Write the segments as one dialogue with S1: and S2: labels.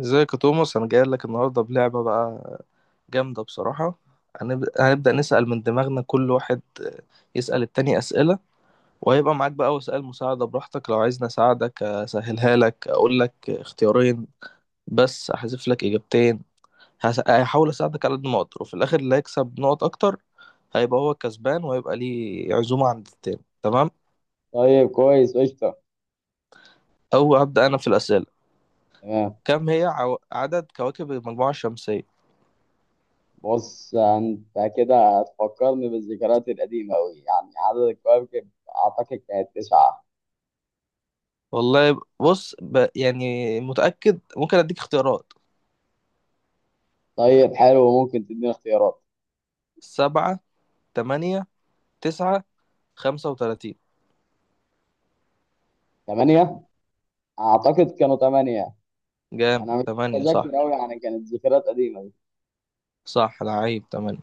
S1: ازيك يا توماس؟ انا جاي لك النهارده بلعبه بقى، جامده بصراحه. هنبدا نسال من دماغنا، كل واحد يسال التاني اسئله، وهيبقى معاك بقى وسائل مساعده براحتك، لو عايزني اساعدك اسهلها لك اقول لك اختيارين بس احذف لك اجابتين. هحاول اساعدك على قد ما اقدر، وفي الاخر اللي هيكسب نقط اكتر هيبقى هو الكسبان وهيبقى ليه عزومه عند التاني. تمام.
S2: طيب، كويس قشطة.
S1: او ابدا انا في الاسئله.
S2: تمام.
S1: كم هي عدد كواكب المجموعه الشمسيه؟
S2: بص، انت كده هتفكرني بالذكريات القديمة أوي. يعني عدد الكواكب، أعتقد كانت تسعة.
S1: والله بص يعني متأكد؟ ممكن أديك اختيارات.
S2: طيب، حلو. ممكن تديني اختيارات؟
S1: سبعة، تمانية، تسعة، 35.
S2: تمانية. أعتقد كانوا تمانية.
S1: جامد،
S2: أنا مش
S1: تمانية صح.
S2: متذكر أوي، يعني كانت ذكريات قديمة دي.
S1: صح لعيب، تمانية.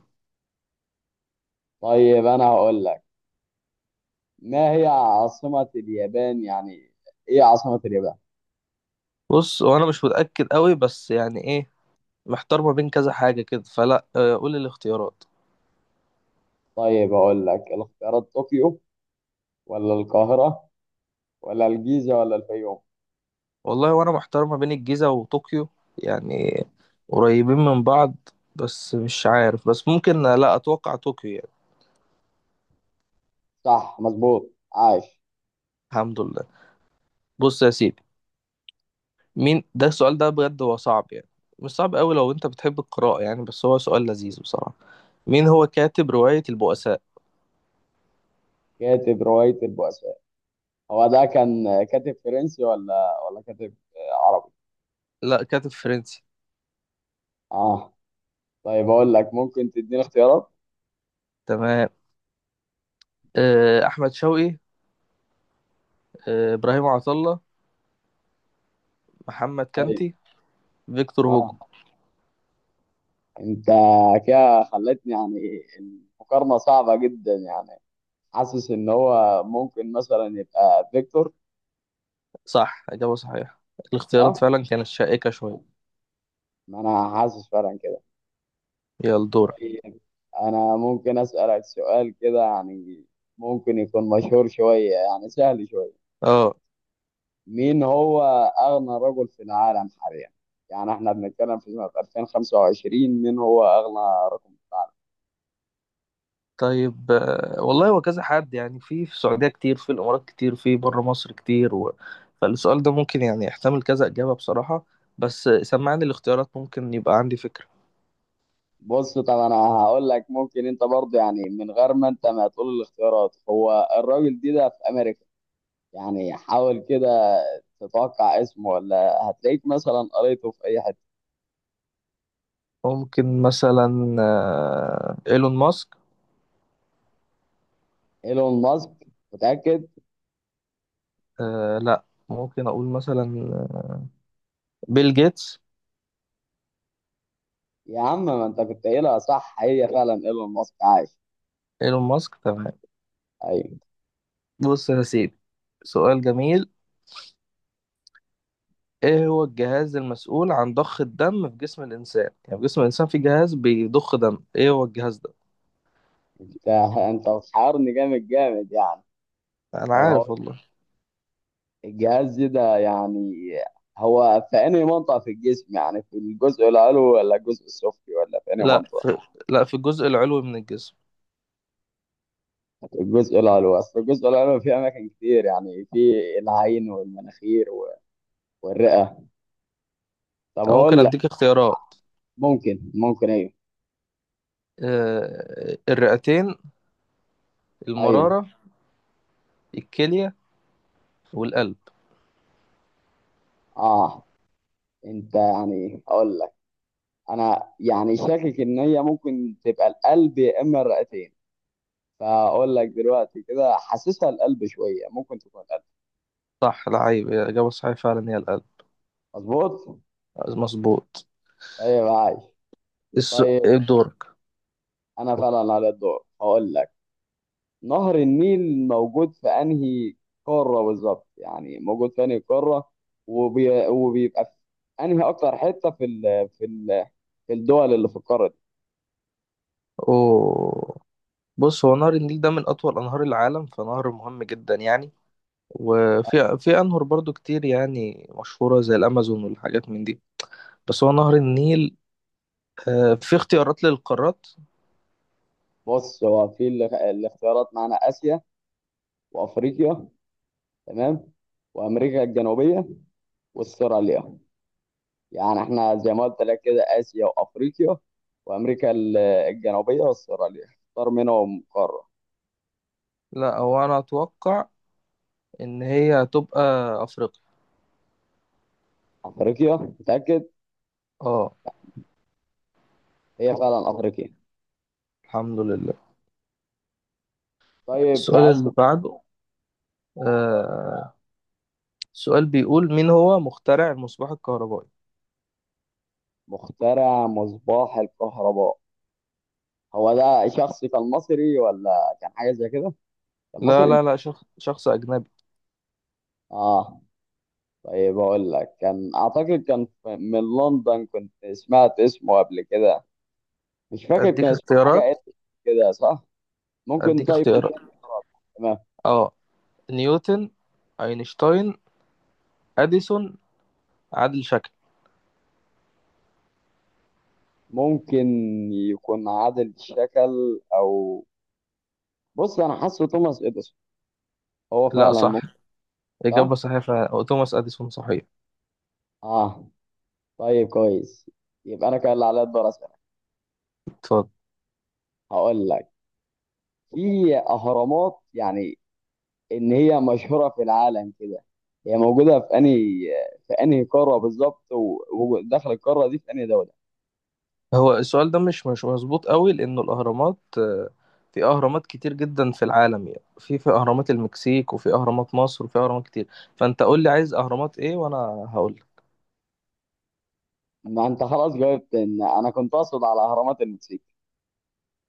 S2: طيب، أنا هقول لك. ما هي عاصمة اليابان؟ يعني إيه عاصمة اليابان؟
S1: بص وأنا مش متأكد قوي، بس يعني إيه؟ محتار ما بين كذا حاجة كده، فلا قول الاختيارات.
S2: طيب، هقول لك الاختيارات: طوكيو، ولا القاهرة، ولا الجيزة، ولا الفيوم؟
S1: والله وأنا محتار ما بين الجيزة وطوكيو يعني، قريبين من بعض. بس مش عارف، بس ممكن لا، أتوقع طوكيو يعني.
S2: صح، مظبوط، عاش.
S1: الحمد لله. بص يا سيدي، مين ده؟ السؤال ده بجد هو صعب يعني، مش صعب قوي لو انت بتحب القراءة يعني، بس هو سؤال لذيذ بصراحة. مين هو كاتب رواية البؤساء؟
S2: كاتب رواية البؤساء، هو ده كان كاتب فرنسي ولا كاتب عربي؟
S1: لا، كاتب فرنسي.
S2: اه. طيب، اقول لك، ممكن تديني اختيارات؟
S1: تمام. أحمد شوقي، إبراهيم عطلة، محمد
S2: ايوه.
S1: كانتي، فيكتور هوجو.
S2: اه. انت كده خلتني، يعني المقارنه صعبه جدا. يعني حاسس ان هو ممكن مثلا يبقى فيكتور.
S1: صح، إجابة صحيحة. الاختيارات
S2: اه،
S1: فعلا كانت شائكة شوية.
S2: ما انا حاسس فعلا كده.
S1: يلا دورك.
S2: طيب، انا ممكن اسالك سؤال كده، يعني ممكن يكون مشهور شويه، يعني سهل شويه.
S1: آه.
S2: مين هو أغنى رجل في العالم حاليا؟ يعني احنا بنتكلم في سنة 2025، مين هو أغنى رجل في العالم؟
S1: طيب، والله هو كذا حد يعني، في السعودية كتير، في الإمارات كتير، في بره مصر كتير فالسؤال ده ممكن يعني يحتمل كذا إجابة بصراحة. بس سمعني الاختيارات ممكن يبقى عندي فكرة.
S2: بص، طب أنا هقول لك، ممكن أنت برضه، يعني من غير ما أنت ما تقول الاختيارات، هو الراجل دي ده في أمريكا. يعني حاول كده تتوقع اسمه، ولا هتلاقيك مثلا قريته في أي حتة.
S1: ممكن مثلا إيلون ماسك.
S2: إيلون ماسك؟ متأكد؟
S1: لا، ممكن أقول مثلا بيل جيتس.
S2: يا عم، ما أنت كنت قايلها صح! هي فعلا إيلون ماسك. عايش.
S1: إيلون ماسك، تمام.
S2: أيوه.
S1: بص يا سيدي، سؤال جميل. إيه هو الجهاز المسؤول عن ضخ الدم في جسم الإنسان؟ يعني في جسم الإنسان في جهاز بيضخ دم، إيه هو الجهاز ده؟
S2: أنت أنت بتحيرني جامد جامد، يعني.
S1: أنا
S2: طب،
S1: عارف والله.
S2: الجهاز ده يعني هو في أنهي منطقة في الجسم؟ يعني في الجزء العلوي، ولا الجزء السفلي، ولا في أنهي
S1: لا
S2: منطقة؟
S1: في لا، في الجزء العلوي من الجسم.
S2: في الجزء العلوي. أصل الجزء العلوي فيه أماكن كتير، يعني في العين والمناخير والرئة. طب
S1: أو ممكن
S2: هقول لك.
S1: أديك اختيارات.
S2: ممكن، ممكن، أيوه،
S1: الرئتين،
S2: أيوه.
S1: المرارة، الكلية، والقلب.
S2: أه، أنت يعني هقول لك. أنا يعني شاكك إن هي ممكن تبقى القلب، يا إما الرئتين. فأقول لك دلوقتي كده، حاسسها القلب شوية، ممكن تكون القلب.
S1: صح العيب، الإجابة الصحيحة فعلا هي القلب.
S2: مظبوط؟
S1: مظبوط.
S2: طيب، عايش.
S1: الس...
S2: طيب،
S1: دورك.
S2: انا فعلا على الدور. هقول لك: نهر النيل موجود في انهي قارة بالظبط؟ يعني موجود في انهي قارة، وبيبقى في انهي اكتر حتة في الدول اللي في القارة دي.
S1: أوه. بص هو نهر النيل ده من أطول أنهار العالم، فنهر مهم جدا يعني. وفي أنهر برضو كتير يعني مشهورة زي الأمازون والحاجات من دي، بس هو نهر النيل. في اختيارات للقارات.
S2: بص، هو في الاختيارات معانا: اسيا، وافريقيا، تمام، وامريكا الجنوبية، واستراليا. يعني احنا زي ما قلت لك كده: اسيا، وافريقيا، وامريكا الجنوبية، واستراليا. اختار منهم قارة.
S1: لا، هو أنا أتوقع إن هي هتبقى أفريقيا.
S2: افريقيا؟ متأكد؟
S1: اه،
S2: هي فعلا افريقيا.
S1: الحمد لله.
S2: طيب،
S1: السؤال اللي
S2: تحسه.
S1: بعده، آه سؤال بيقول مين هو مخترع المصباح الكهربائي؟
S2: مخترع مصباح الكهرباء، هو ده شخص كان مصري، ولا كان حاجة زي كده؟ كان
S1: لا
S2: مصري؟
S1: لا لا، شخص أجنبي.
S2: اه. طيب، اقول لك، كان اعتقد كان من لندن، كنت سمعت اسمه قبل كده. مش فاكر، كان
S1: أديك
S2: اسمه حاجة
S1: اختيارات.
S2: كده صح؟ ممكن؟
S1: أديك
S2: طيب،
S1: اختيارات.
S2: تديني اختيارات؟ تمام.
S1: اه، نيوتن، أينشتاين، أديسون، عادل شكل.
S2: ممكن يكون عادل الشكل، او بص، انا حاسه توماس اديسون. هو
S1: لا
S2: فعلا
S1: صح،
S2: ممكن.
S1: إجابة
S2: صح؟
S1: صحيحة، توماس أديسون صحيح.
S2: اه. طيب، كويس. يبقى انا كان اللي عليا الدور اسالك.
S1: اتفضل.
S2: هقول لك: في اهرامات، يعني ان هي مشهوره في العالم كده، هي موجوده في انهي قاره بالظبط؟ وداخل القاره دي في انهي دوله؟
S1: هو السؤال ده مش مظبوط قوي، لأنه الأهرامات في أهرامات كتير جدا في العالم يعني، في أهرامات المكسيك، وفي أهرامات مصر، وفي أهرامات كتير. فأنت قول لي عايز أهرامات إيه وأنا هقول لك.
S2: ما انت خلاص جاوبت. ان انا كنت اقصد على اهرامات المكسيك.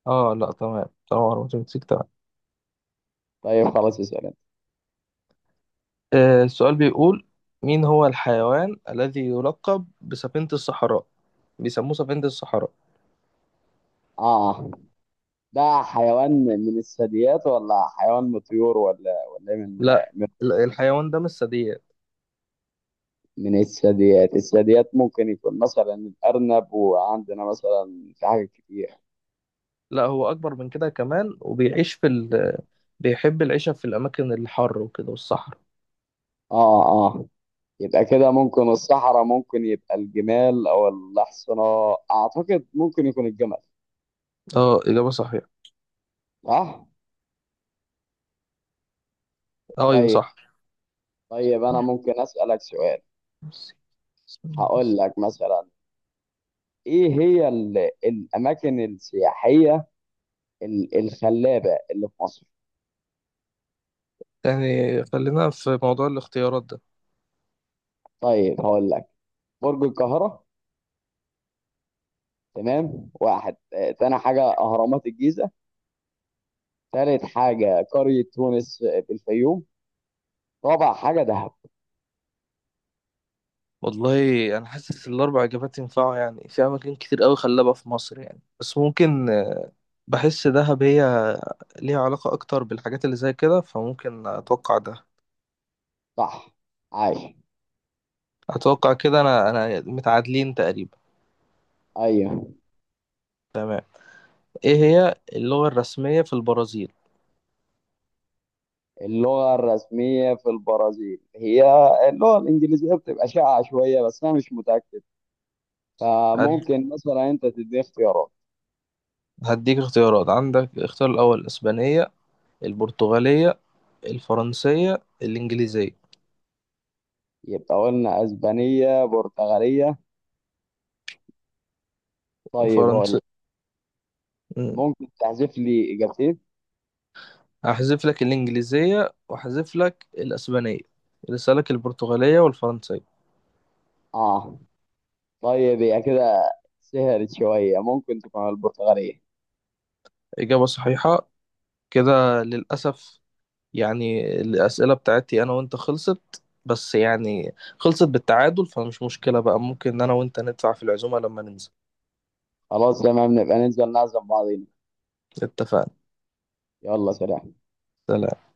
S1: آه لا، تمام تمام، أهرامات المكسيك، تمام.
S2: طيب خلاص، اسال انت.
S1: السؤال بيقول مين هو الحيوان الذي يلقب بسفينة الصحراء؟ بيسموه سفينة الصحراء.
S2: اه. ده حيوان من الثدييات، ولا حيوان من الطيور، ولا إيه من؟
S1: لا،
S2: من
S1: لا، الحيوان ده مش ثدييات.
S2: من الثدييات. الثدييات ممكن يكون مثلا الارنب، وعندنا مثلا في حاجات كتير.
S1: لا، هو أكبر من كده كمان، وبيعيش في بيحب العيشة في الأماكن الحر وكده والصحراء.
S2: اه، اه. يبقى كده ممكن الصحراء، ممكن يبقى الجمال او الاحصنة. اعتقد ممكن يكون الجمل.
S1: اه، إجابة صحيحة.
S2: صح.
S1: ايوه
S2: طيب،
S1: صح.
S2: طيب، انا ممكن اسالك سؤال. هقول لك مثلا: ايه هي الاماكن السياحيه الخلابه اللي في مصر؟
S1: يعني خلينا في موضوع الاختيارات ده.
S2: طيب، هقول لك: برج القاهره، تمام، واحد. تاني حاجه اهرامات الجيزه. تالت حاجه قريه تونس في الفيوم. رابع حاجه دهب.
S1: والله انا حاسس الاربع اجابات ينفعوا، يعني في اماكن كتير قوي خلابه في مصر يعني، بس ممكن بحس دهب هي ليها علاقه اكتر بالحاجات اللي زي كده، فممكن اتوقع ده.
S2: صح. عايش.
S1: اتوقع كده انا متعادلين تقريبا.
S2: ايوه.
S1: تمام. ايه هي اللغه الرسميه في البرازيل؟
S2: اللغة الرسمية في البرازيل هي اللغة الإنجليزية، بتبقى شائعة شوية، بس أنا مش متأكد.
S1: هد-
S2: فممكن مثلا أنت تديني اختيارات.
S1: هديك اختيارات. عندك الاختيار الاول الاسبانيه، البرتغاليه، الفرنسيه، الانجليزيه.
S2: يبقى قلنا أسبانية، برتغالية. طيب، هقول لك،
S1: مم.
S2: ممكن تحذف لي إجابتين؟
S1: هحذف لك الإنجليزية وأحذف لك الأسبانية، لسه لك البرتغالية والفرنسية.
S2: آه. طيب، هي كده سهلت شوية. ممكن تكون البرتغالية.
S1: إجابة صحيحة. كده للأسف يعني الأسئلة بتاعتي أنا وأنت خلصت، بس يعني خلصت بالتعادل، فمش مشكلة بقى، ممكن أنا وأنت ندفع في العزومة لما ننزل.
S2: خلاص تمام، نبقى ننزل نعزم بعضينا.
S1: اتفقنا.
S2: يلا، سلام.
S1: سلام.